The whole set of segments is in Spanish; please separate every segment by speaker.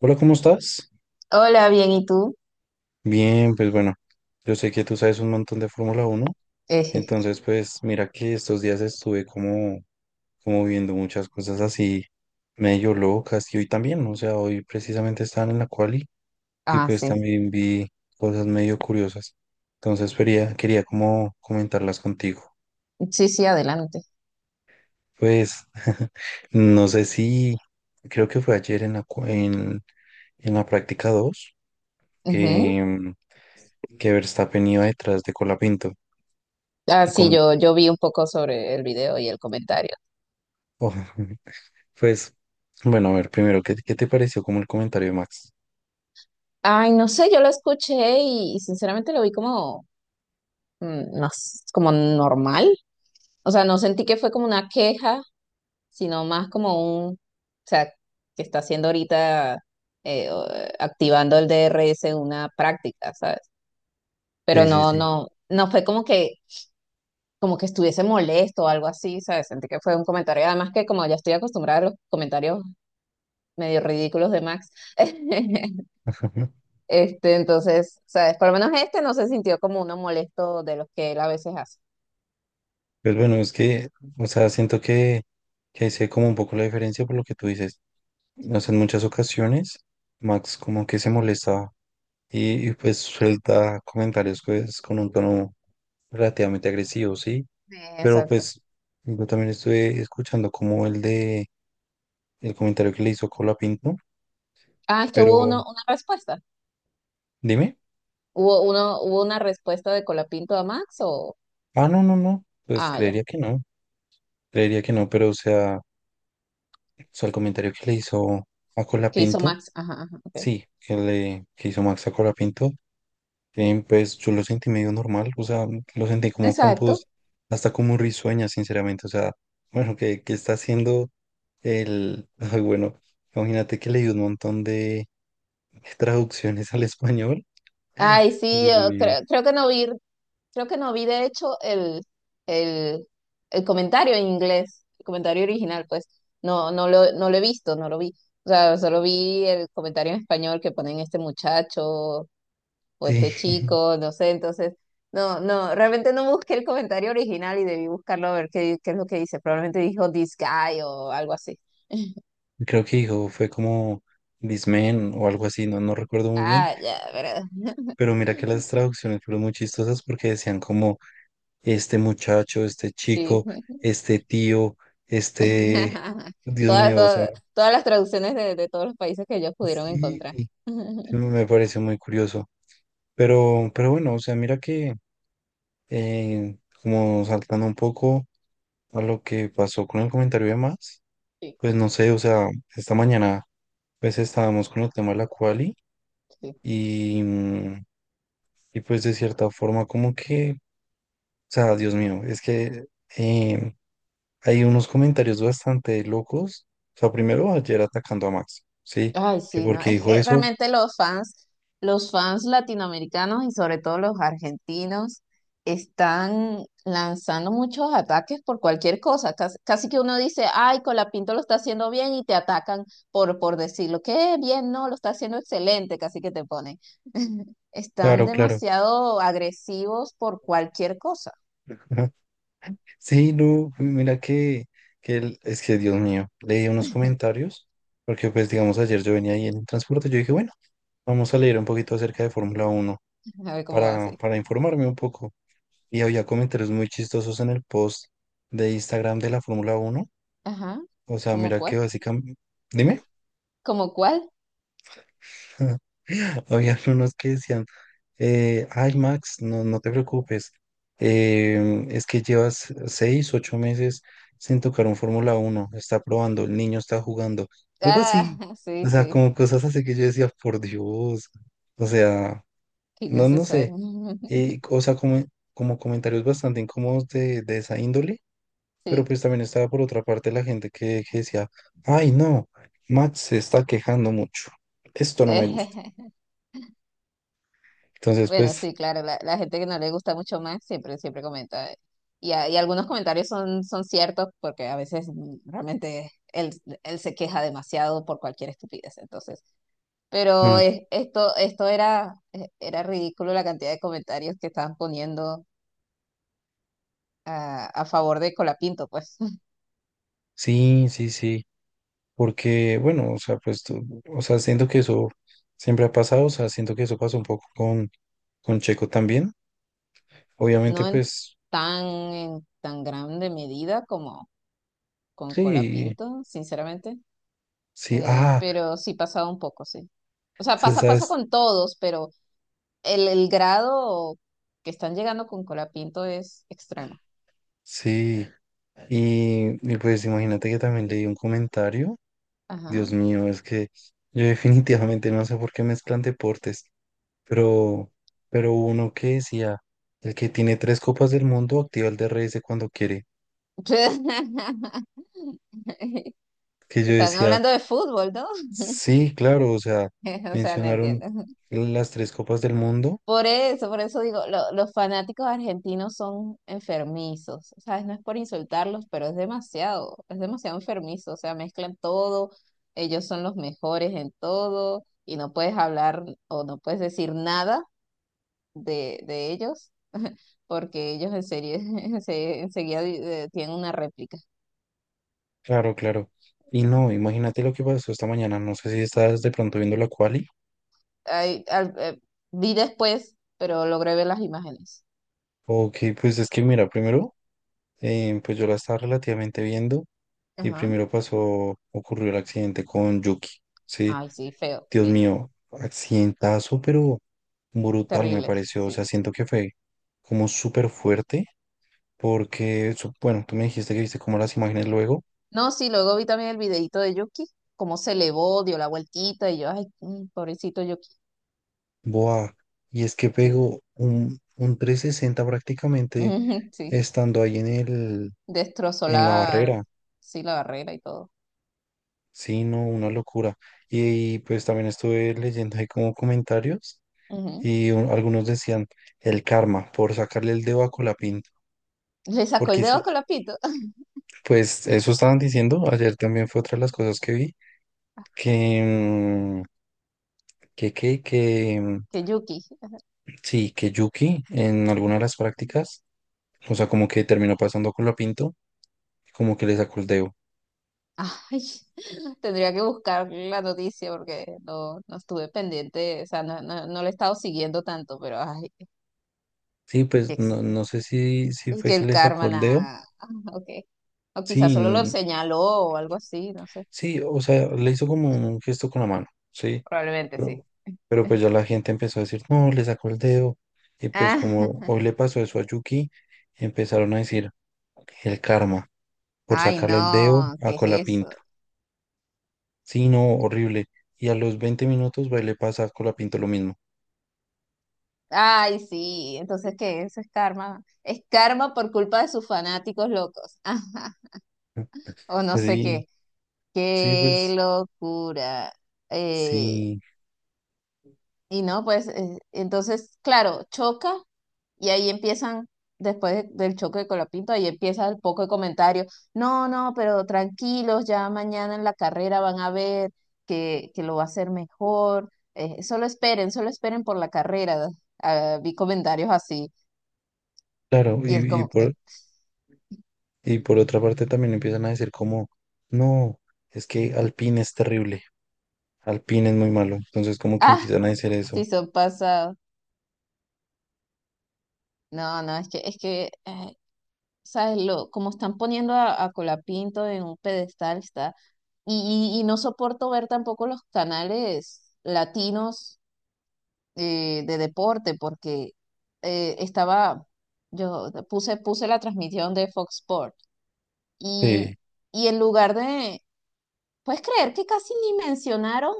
Speaker 1: Hola, ¿cómo estás?
Speaker 2: Hola, bien, ¿y tú?
Speaker 1: Bien, pues bueno, yo sé que tú sabes un montón de Fórmula Uno,
Speaker 2: Ejeje.
Speaker 1: entonces pues mira que estos días estuve como viendo muchas cosas así medio locas y hoy también, o sea, hoy precisamente estaban en la quali y
Speaker 2: Ah,
Speaker 1: pues
Speaker 2: sí.
Speaker 1: también vi cosas medio curiosas, entonces quería como comentarlas contigo.
Speaker 2: Sí, sí, adelante.
Speaker 1: Pues no sé si, creo que fue ayer en la, cua- en la práctica 2
Speaker 2: Ujú.
Speaker 1: que, que Verstappen iba detrás de Colapinto.
Speaker 2: Ah,
Speaker 1: Y
Speaker 2: sí,
Speaker 1: como,
Speaker 2: yo vi un poco sobre el video y el comentario.
Speaker 1: oh, pues, bueno, a ver, primero, ¿qué te pareció como el comentario de Max?
Speaker 2: Ay, no sé, yo lo escuché y sinceramente lo vi como, mm, no s- como normal. O sea, no sentí que fue como una queja, sino más como un, o sea, que está haciendo ahorita, eh, o- activando el DRS una práctica, ¿sabes? Pero
Speaker 1: Sí, sí,
Speaker 2: no,
Speaker 1: sí.
Speaker 2: no, no fue como que estuviese molesto o algo así, ¿sabes? Sentí que fue un comentario, además que como ya estoy acostumbrada a los comentarios medio ridículos de Max. Este, entonces, ¿sabes? Por lo menos este no se sintió como uno molesto de los que él a veces hace.
Speaker 1: Pues bueno, es que, o sea, siento que ahí se ve como un poco la diferencia por lo que tú dices. No sé, en muchas ocasiones, Max como que se molesta pues suelta comentarios pues, con un tono relativamente agresivo, ¿sí? Pero
Speaker 2: Exacto.
Speaker 1: pues yo también estuve escuchando como el comentario que le hizo Colapinto,
Speaker 2: Ah, es que hubo
Speaker 1: pero
Speaker 2: uno, una respuesta.
Speaker 1: dime.
Speaker 2: Hubo uno, hubo una respuesta de Colapinto a Max o...
Speaker 1: Ah, no, no, no, pues
Speaker 2: Ah, ya.
Speaker 1: creería que no. Creería que no, pero o sea, el comentario que le hizo a
Speaker 2: ¿Qué hizo
Speaker 1: Colapinto,
Speaker 2: Max? Ajá, ajá, ok.
Speaker 1: sí, que hizo Max a Colapinto, pues yo lo sentí medio normal, o sea, lo sentí como
Speaker 2: Exacto.
Speaker 1: compos, hasta como risueña, sinceramente, o sea, bueno, que está haciendo ay, bueno, imagínate que leí un montón de traducciones al español,
Speaker 2: Ay, sí,
Speaker 1: Dios
Speaker 2: yo
Speaker 1: mío,
Speaker 2: creo, creo que no vi. Creo que no vi, de hecho, el, el comentario en inglés, el comentario original, pues no lo he visto, no lo vi. O sea, solo vi el comentario en español que ponen este muchacho o
Speaker 1: sí,
Speaker 2: este chico, no sé, entonces, no, realmente no busqué el comentario original y debí buscarlo a ver qué, qué es lo que dice. Probablemente dijo this guy o algo así.
Speaker 1: creo que dijo, fue como Dismen o algo así, no recuerdo muy bien,
Speaker 2: Ah, ya, ¿verdad?
Speaker 1: pero mira que las traducciones fueron muy chistosas porque decían como este muchacho, este
Speaker 2: Sí.
Speaker 1: chico, este tío, este, Dios
Speaker 2: Todas,
Speaker 1: mío, o sea,
Speaker 2: todas, todas las traducciones de todos los países que ellos pudieron
Speaker 1: sí,
Speaker 2: encontrar.
Speaker 1: sí me me parece muy curioso. Pero bueno, o sea, mira que como saltando un poco a lo que pasó con el comentario de más,
Speaker 2: Sí,
Speaker 1: pues no sé, o sea, esta mañana pues estábamos con el tema de la quali
Speaker 2: sí.
Speaker 1: y, mm, y pues de cierta forma como que, o sea, Dios mío, es que em, Hay unos comentarios bastante locos. O sea, primero ayer atacando a Max, ¿sí?
Speaker 2: Ay,
Speaker 1: Que
Speaker 2: sí, no,
Speaker 1: porque
Speaker 2: es
Speaker 1: dijo
Speaker 2: que
Speaker 1: eso.
Speaker 2: realmente los fans latinoamericanos y sobre todo los argentinos están lanzando muchos ataques por cualquier cosa. Casi, casi que uno dice, ay, Colapinto lo está haciendo bien y te atacan por decirlo. Qué bien, no, lo está haciendo excelente, casi que te ponen. Están
Speaker 1: Claro, claro.
Speaker 2: demasiado agresivos por cualquier cosa.
Speaker 1: Sí, no, mira que él, es que Dios mío, leí unos comentarios, porque pues digamos ayer yo venía ahí en el transporte, yo dije, bueno, vamos a leer un poquito acerca de Fórmula Uno
Speaker 2: A ver cómo va
Speaker 1: para,
Speaker 2: así.
Speaker 1: para informarme un poco. Y había comentarios muy chistosos en el post de Instagram de la Fórmula Uno.
Speaker 2: Ajá,
Speaker 1: O sea,
Speaker 2: ¿cómo
Speaker 1: mira que
Speaker 2: cuál?
Speaker 1: básicamente... Dime.
Speaker 2: ¿Cómo cuál?
Speaker 1: Habían unos que decían, ay Max, no te preocupes, es que llevas 6, 8 meses sin tocar un Fórmula uno está probando, el niño está jugando, algo
Speaker 2: Ah,
Speaker 1: así, o
Speaker 2: sí,
Speaker 1: sea,
Speaker 2: sí,
Speaker 1: como cosas así que yo decía, por Dios, o sea, no, sé,
Speaker 2: innecesario.
Speaker 1: o sea, como comentarios bastante incómodos de esa índole, pero
Speaker 2: Sí.
Speaker 1: pues también estaba por otra parte la gente que decía, ay no, Max se está quejando mucho, esto no me gusta. Entonces,
Speaker 2: Bueno,
Speaker 1: pues,
Speaker 2: sí, claro, la gente que no le gusta mucho más siempre, siempre comenta. Y, y algunos comentarios son, son ciertos porque a veces realmente él, él se queja demasiado por cualquier estupidez. Entonces, pero
Speaker 1: mm,
Speaker 2: esto, esto era, era ridículo la cantidad de comentarios que estaban poniendo a favor de Colapinto, pues
Speaker 1: sí, sí, sí, porque, bueno, o sea, pues, o sea, siento que eso siempre ha pasado, o sea, siento que eso pasó un poco con, Checo también. Obviamente,
Speaker 2: no en
Speaker 1: pues,
Speaker 2: tan, en tan grande medida como con
Speaker 1: sí,
Speaker 2: Colapinto, sinceramente.
Speaker 1: sí, ah,
Speaker 2: Pero sí pasaba un poco, sí. O sea,
Speaker 1: sí,
Speaker 2: pasa, pasa
Speaker 1: sabes,
Speaker 2: con todos, pero el grado que están llegando con Colapinto es extremo.
Speaker 1: sí. Y pues imagínate que también leí un comentario.
Speaker 2: Ajá.
Speaker 1: Dios mío, es que yo definitivamente no sé por qué mezclan deportes, pero, uno que decía, el que tiene tres copas del mundo activa el DRS cuando quiere. Que yo
Speaker 2: Están
Speaker 1: decía,
Speaker 2: hablando de fútbol, ¿no?
Speaker 1: Sí, claro, o sea,
Speaker 2: O sea, no
Speaker 1: mencionaron
Speaker 2: entiendo.
Speaker 1: las tres copas del mundo.
Speaker 2: Por eso digo, los fanáticos argentinos son enfermizos, ¿sabes? No es por insultarlos, pero es demasiado enfermizo, o sea, mezclan todo, ellos son los mejores en todo y no puedes hablar o no puedes decir nada de, de ellos porque ellos en serio, se enseguida tienen una réplica.
Speaker 1: Claro, claro. Y no, imagínate lo que pasó esta mañana. No sé si estás de pronto viendo la quali.
Speaker 2: Ay, vi después, pero logré ver las imágenes.
Speaker 1: O que pues es que mira, primero, pues yo la estaba relativamente viendo y
Speaker 2: Ajá.
Speaker 1: primero ocurrió el accidente con Yuki. Sí,
Speaker 2: Ay, sí, feo,
Speaker 1: Dios
Speaker 2: sí,
Speaker 1: mío, accidentazo, pero brutal me
Speaker 2: terrible,
Speaker 1: pareció. O
Speaker 2: sí.
Speaker 1: sea, siento que fue como súper fuerte porque, bueno, tú me dijiste que viste como las imágenes luego.
Speaker 2: No, sí, luego vi también el videito de Yuki, cómo se elevó, dio la vueltita y yo, ay, pobrecito Yuki,
Speaker 1: Buah, y es que
Speaker 2: sí,
Speaker 1: pegó un, 360 prácticamente
Speaker 2: sí,
Speaker 1: estando ahí en el,
Speaker 2: destrozó
Speaker 1: en la
Speaker 2: la,
Speaker 1: barrera.
Speaker 2: sí, la barrera y todo.
Speaker 1: Sí, no, una locura. Y, pues también estuve leyendo ahí como comentarios
Speaker 2: Ujú.
Speaker 1: y algunos decían el karma por sacarle el dedo a Colapinto.
Speaker 2: Le sacó el
Speaker 1: Porque
Speaker 2: dedo con la pito.
Speaker 1: pues eso estaban diciendo, ayer también fue otra de las cosas que vi, que, mm, que, mm,
Speaker 2: Que Yuki,
Speaker 1: sí, que Yuki en alguna de las prácticas, o sea, como que terminó pasando a Colapinto, como que le sacó el dedo.
Speaker 2: ay, tendría que buscar la noticia porque no, no estuve pendiente, o sea, no le he estado siguiendo tanto, pero ay,
Speaker 1: Sí,
Speaker 2: que,
Speaker 1: pues no, sé si,
Speaker 2: y
Speaker 1: fue
Speaker 2: que
Speaker 1: que
Speaker 2: el
Speaker 1: le sacó
Speaker 2: karma,
Speaker 1: el dedo.
Speaker 2: nada. Ah, ok, o quizás
Speaker 1: Sí,
Speaker 2: solo lo señaló o algo así, no sé,
Speaker 1: sí, o sea, le hizo como un gesto con la mano, sí.
Speaker 2: probablemente sí.
Speaker 1: Pero, pero pues ya la gente empezó a decir, no, le sacó el dedo. Y pues como
Speaker 2: Ah.
Speaker 1: hoy le pasó eso a Yuki, empezaron a decir el karma por
Speaker 2: Ay,
Speaker 1: sacarle el dedo
Speaker 2: no,
Speaker 1: a
Speaker 2: ¿qué es eso?
Speaker 1: Colapinto. Sí, no, horrible. Y a los 20 minutos va y le pasa a Colapinto lo mismo.
Speaker 2: Ay, sí, entonces, ¿qué? Eso es karma. Es karma por culpa de sus fanáticos locos. Ajá, o no sé
Speaker 1: Sí,
Speaker 2: qué.
Speaker 1: sí,
Speaker 2: Qué
Speaker 1: pues
Speaker 2: locura. Eh,
Speaker 1: sí,
Speaker 2: y no, pues, entonces, claro, choca. Y ahí empiezan, después del choque de Colapinto, ahí empieza el poco de comentarios. No, no, pero tranquilos, ya mañana en la carrera van a ver que lo va a hacer mejor. Solo esperen por la carrera. Ah, vi comentarios así.
Speaker 1: claro.
Speaker 2: Y es como que,
Speaker 1: Y por otra parte también empiezan a decir como, no, es que Alpine es terrible, Alpine es muy malo. Entonces como que
Speaker 2: ah,
Speaker 1: empiezan a decir
Speaker 2: sí
Speaker 1: eso.
Speaker 2: son pasados. No, no, es que, ¿sabes? Lo, como están poniendo a Colapinto en un pedestal, está. Y no soporto ver tampoco los canales latinos de deporte porque estaba, yo puse, puse la transmisión de Fox Sport
Speaker 1: Sí.
Speaker 2: y, y en lugar de, ¿puedes creer que casi ni mencionaron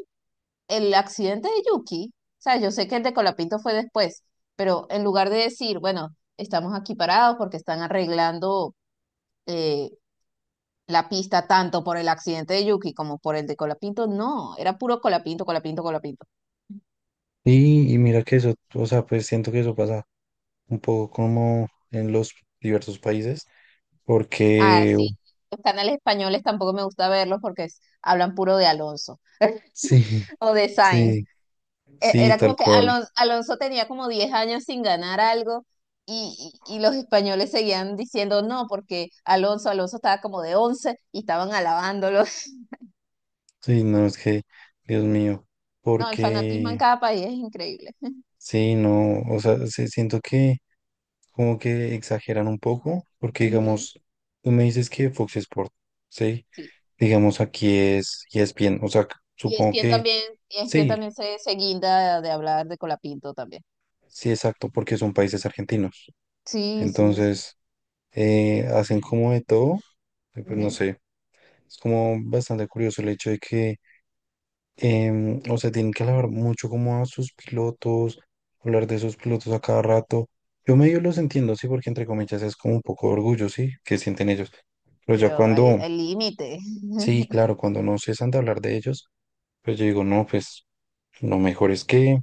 Speaker 2: el accidente de Yuki? O sea, yo sé que el de Colapinto fue después, pero en lugar de decir, bueno, estamos aquí parados porque están arreglando eh, la pista tanto por el accidente de Yuki como por el de Colapinto, no, era puro Colapinto, Colapinto, Colapinto.
Speaker 1: Y mira que eso, o sea, pues siento que eso pasa un poco como en los diversos países,
Speaker 2: Ah,
Speaker 1: porque
Speaker 2: sí, los canales españoles tampoco me gusta verlos porque hablan puro de Alonso
Speaker 1: sí,
Speaker 2: o de Sainz.
Speaker 1: sí, sí,
Speaker 2: Era
Speaker 1: tal
Speaker 2: como que
Speaker 1: cual.
Speaker 2: Alonso Alonso, tenía como 10 años sin ganar algo y los españoles seguían diciendo no, porque Alonso, Alonso estaba como de 11 y estaban alabándolo.
Speaker 1: Sí, no, es que, Dios mío,
Speaker 2: No, el fanatismo en
Speaker 1: porque
Speaker 2: cada país es increíble.
Speaker 1: sí, no, o sea, sí, siento que como que exageran un poco, porque
Speaker 2: Ujú,
Speaker 1: digamos, tú me dices que Fox Sports, ¿sí?
Speaker 2: sí.
Speaker 1: Digamos, aquí es y es bien, o sea,
Speaker 2: Y
Speaker 1: supongo
Speaker 2: ESPN
Speaker 1: que
Speaker 2: también, ESPN
Speaker 1: sí,
Speaker 2: también se guinda de hablar de Colapinto también.
Speaker 1: sí, exacto, porque son países argentinos.
Speaker 2: Sí, sí, sí.
Speaker 1: Entonces, hacen como de todo, pues no
Speaker 2: Ujú.
Speaker 1: sé, es como bastante curioso el hecho de que, o sea, tienen que hablar mucho como a sus pilotos, hablar de sus pilotos a cada rato. Yo medio los entiendo, sí, porque entre comillas es como un poco de orgullo, sí, que sienten ellos. Pero ya
Speaker 2: Pero hay,
Speaker 1: cuando,
Speaker 2: hay límite.
Speaker 1: sí, claro, cuando no cesan de hablar de ellos, pues yo digo, no, pues lo mejor es que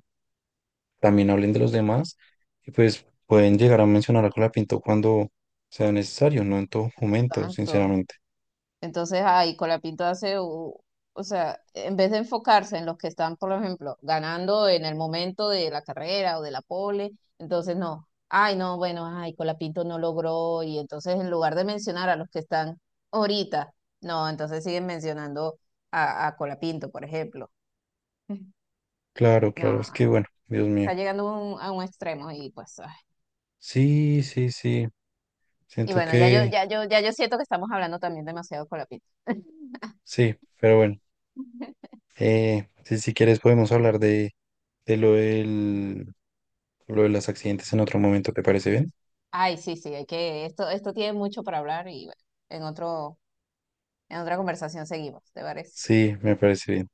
Speaker 1: también hablen de los demás y pues pueden llegar a mencionar a Colapinto cuando sea necesario, no en todo momento,
Speaker 2: Exacto.
Speaker 1: sinceramente.
Speaker 2: Entonces, ahí Colapinto hace, o sea, en vez de enfocarse en los que están, por ejemplo, ganando en el momento de la carrera o de la pole, entonces no, ay, no, bueno, ay, Colapinto no logró, y entonces en lugar de mencionar a los que están ahorita, no, entonces siguen mencionando a Colapinto, por ejemplo.
Speaker 1: Claro, claro,
Speaker 2: No,
Speaker 1: es que bueno, Dios mío.
Speaker 2: está llegando a un extremo y pues, ay.
Speaker 1: Sí, sí, sí,
Speaker 2: Y
Speaker 1: siento
Speaker 2: bueno, ya yo,
Speaker 1: que
Speaker 2: ya yo, ya yo siento que estamos hablando también demasiado Colapinto.
Speaker 1: sí, pero bueno, si, quieres podemos hablar de lo lo de los accidentes en otro momento, ¿te parece bien?
Speaker 2: Ay, sí, sí, hay que, esto tiene mucho para hablar y bueno, en otro. En otra conversación seguimos, ¿te parece?
Speaker 1: Sí, me parece bien.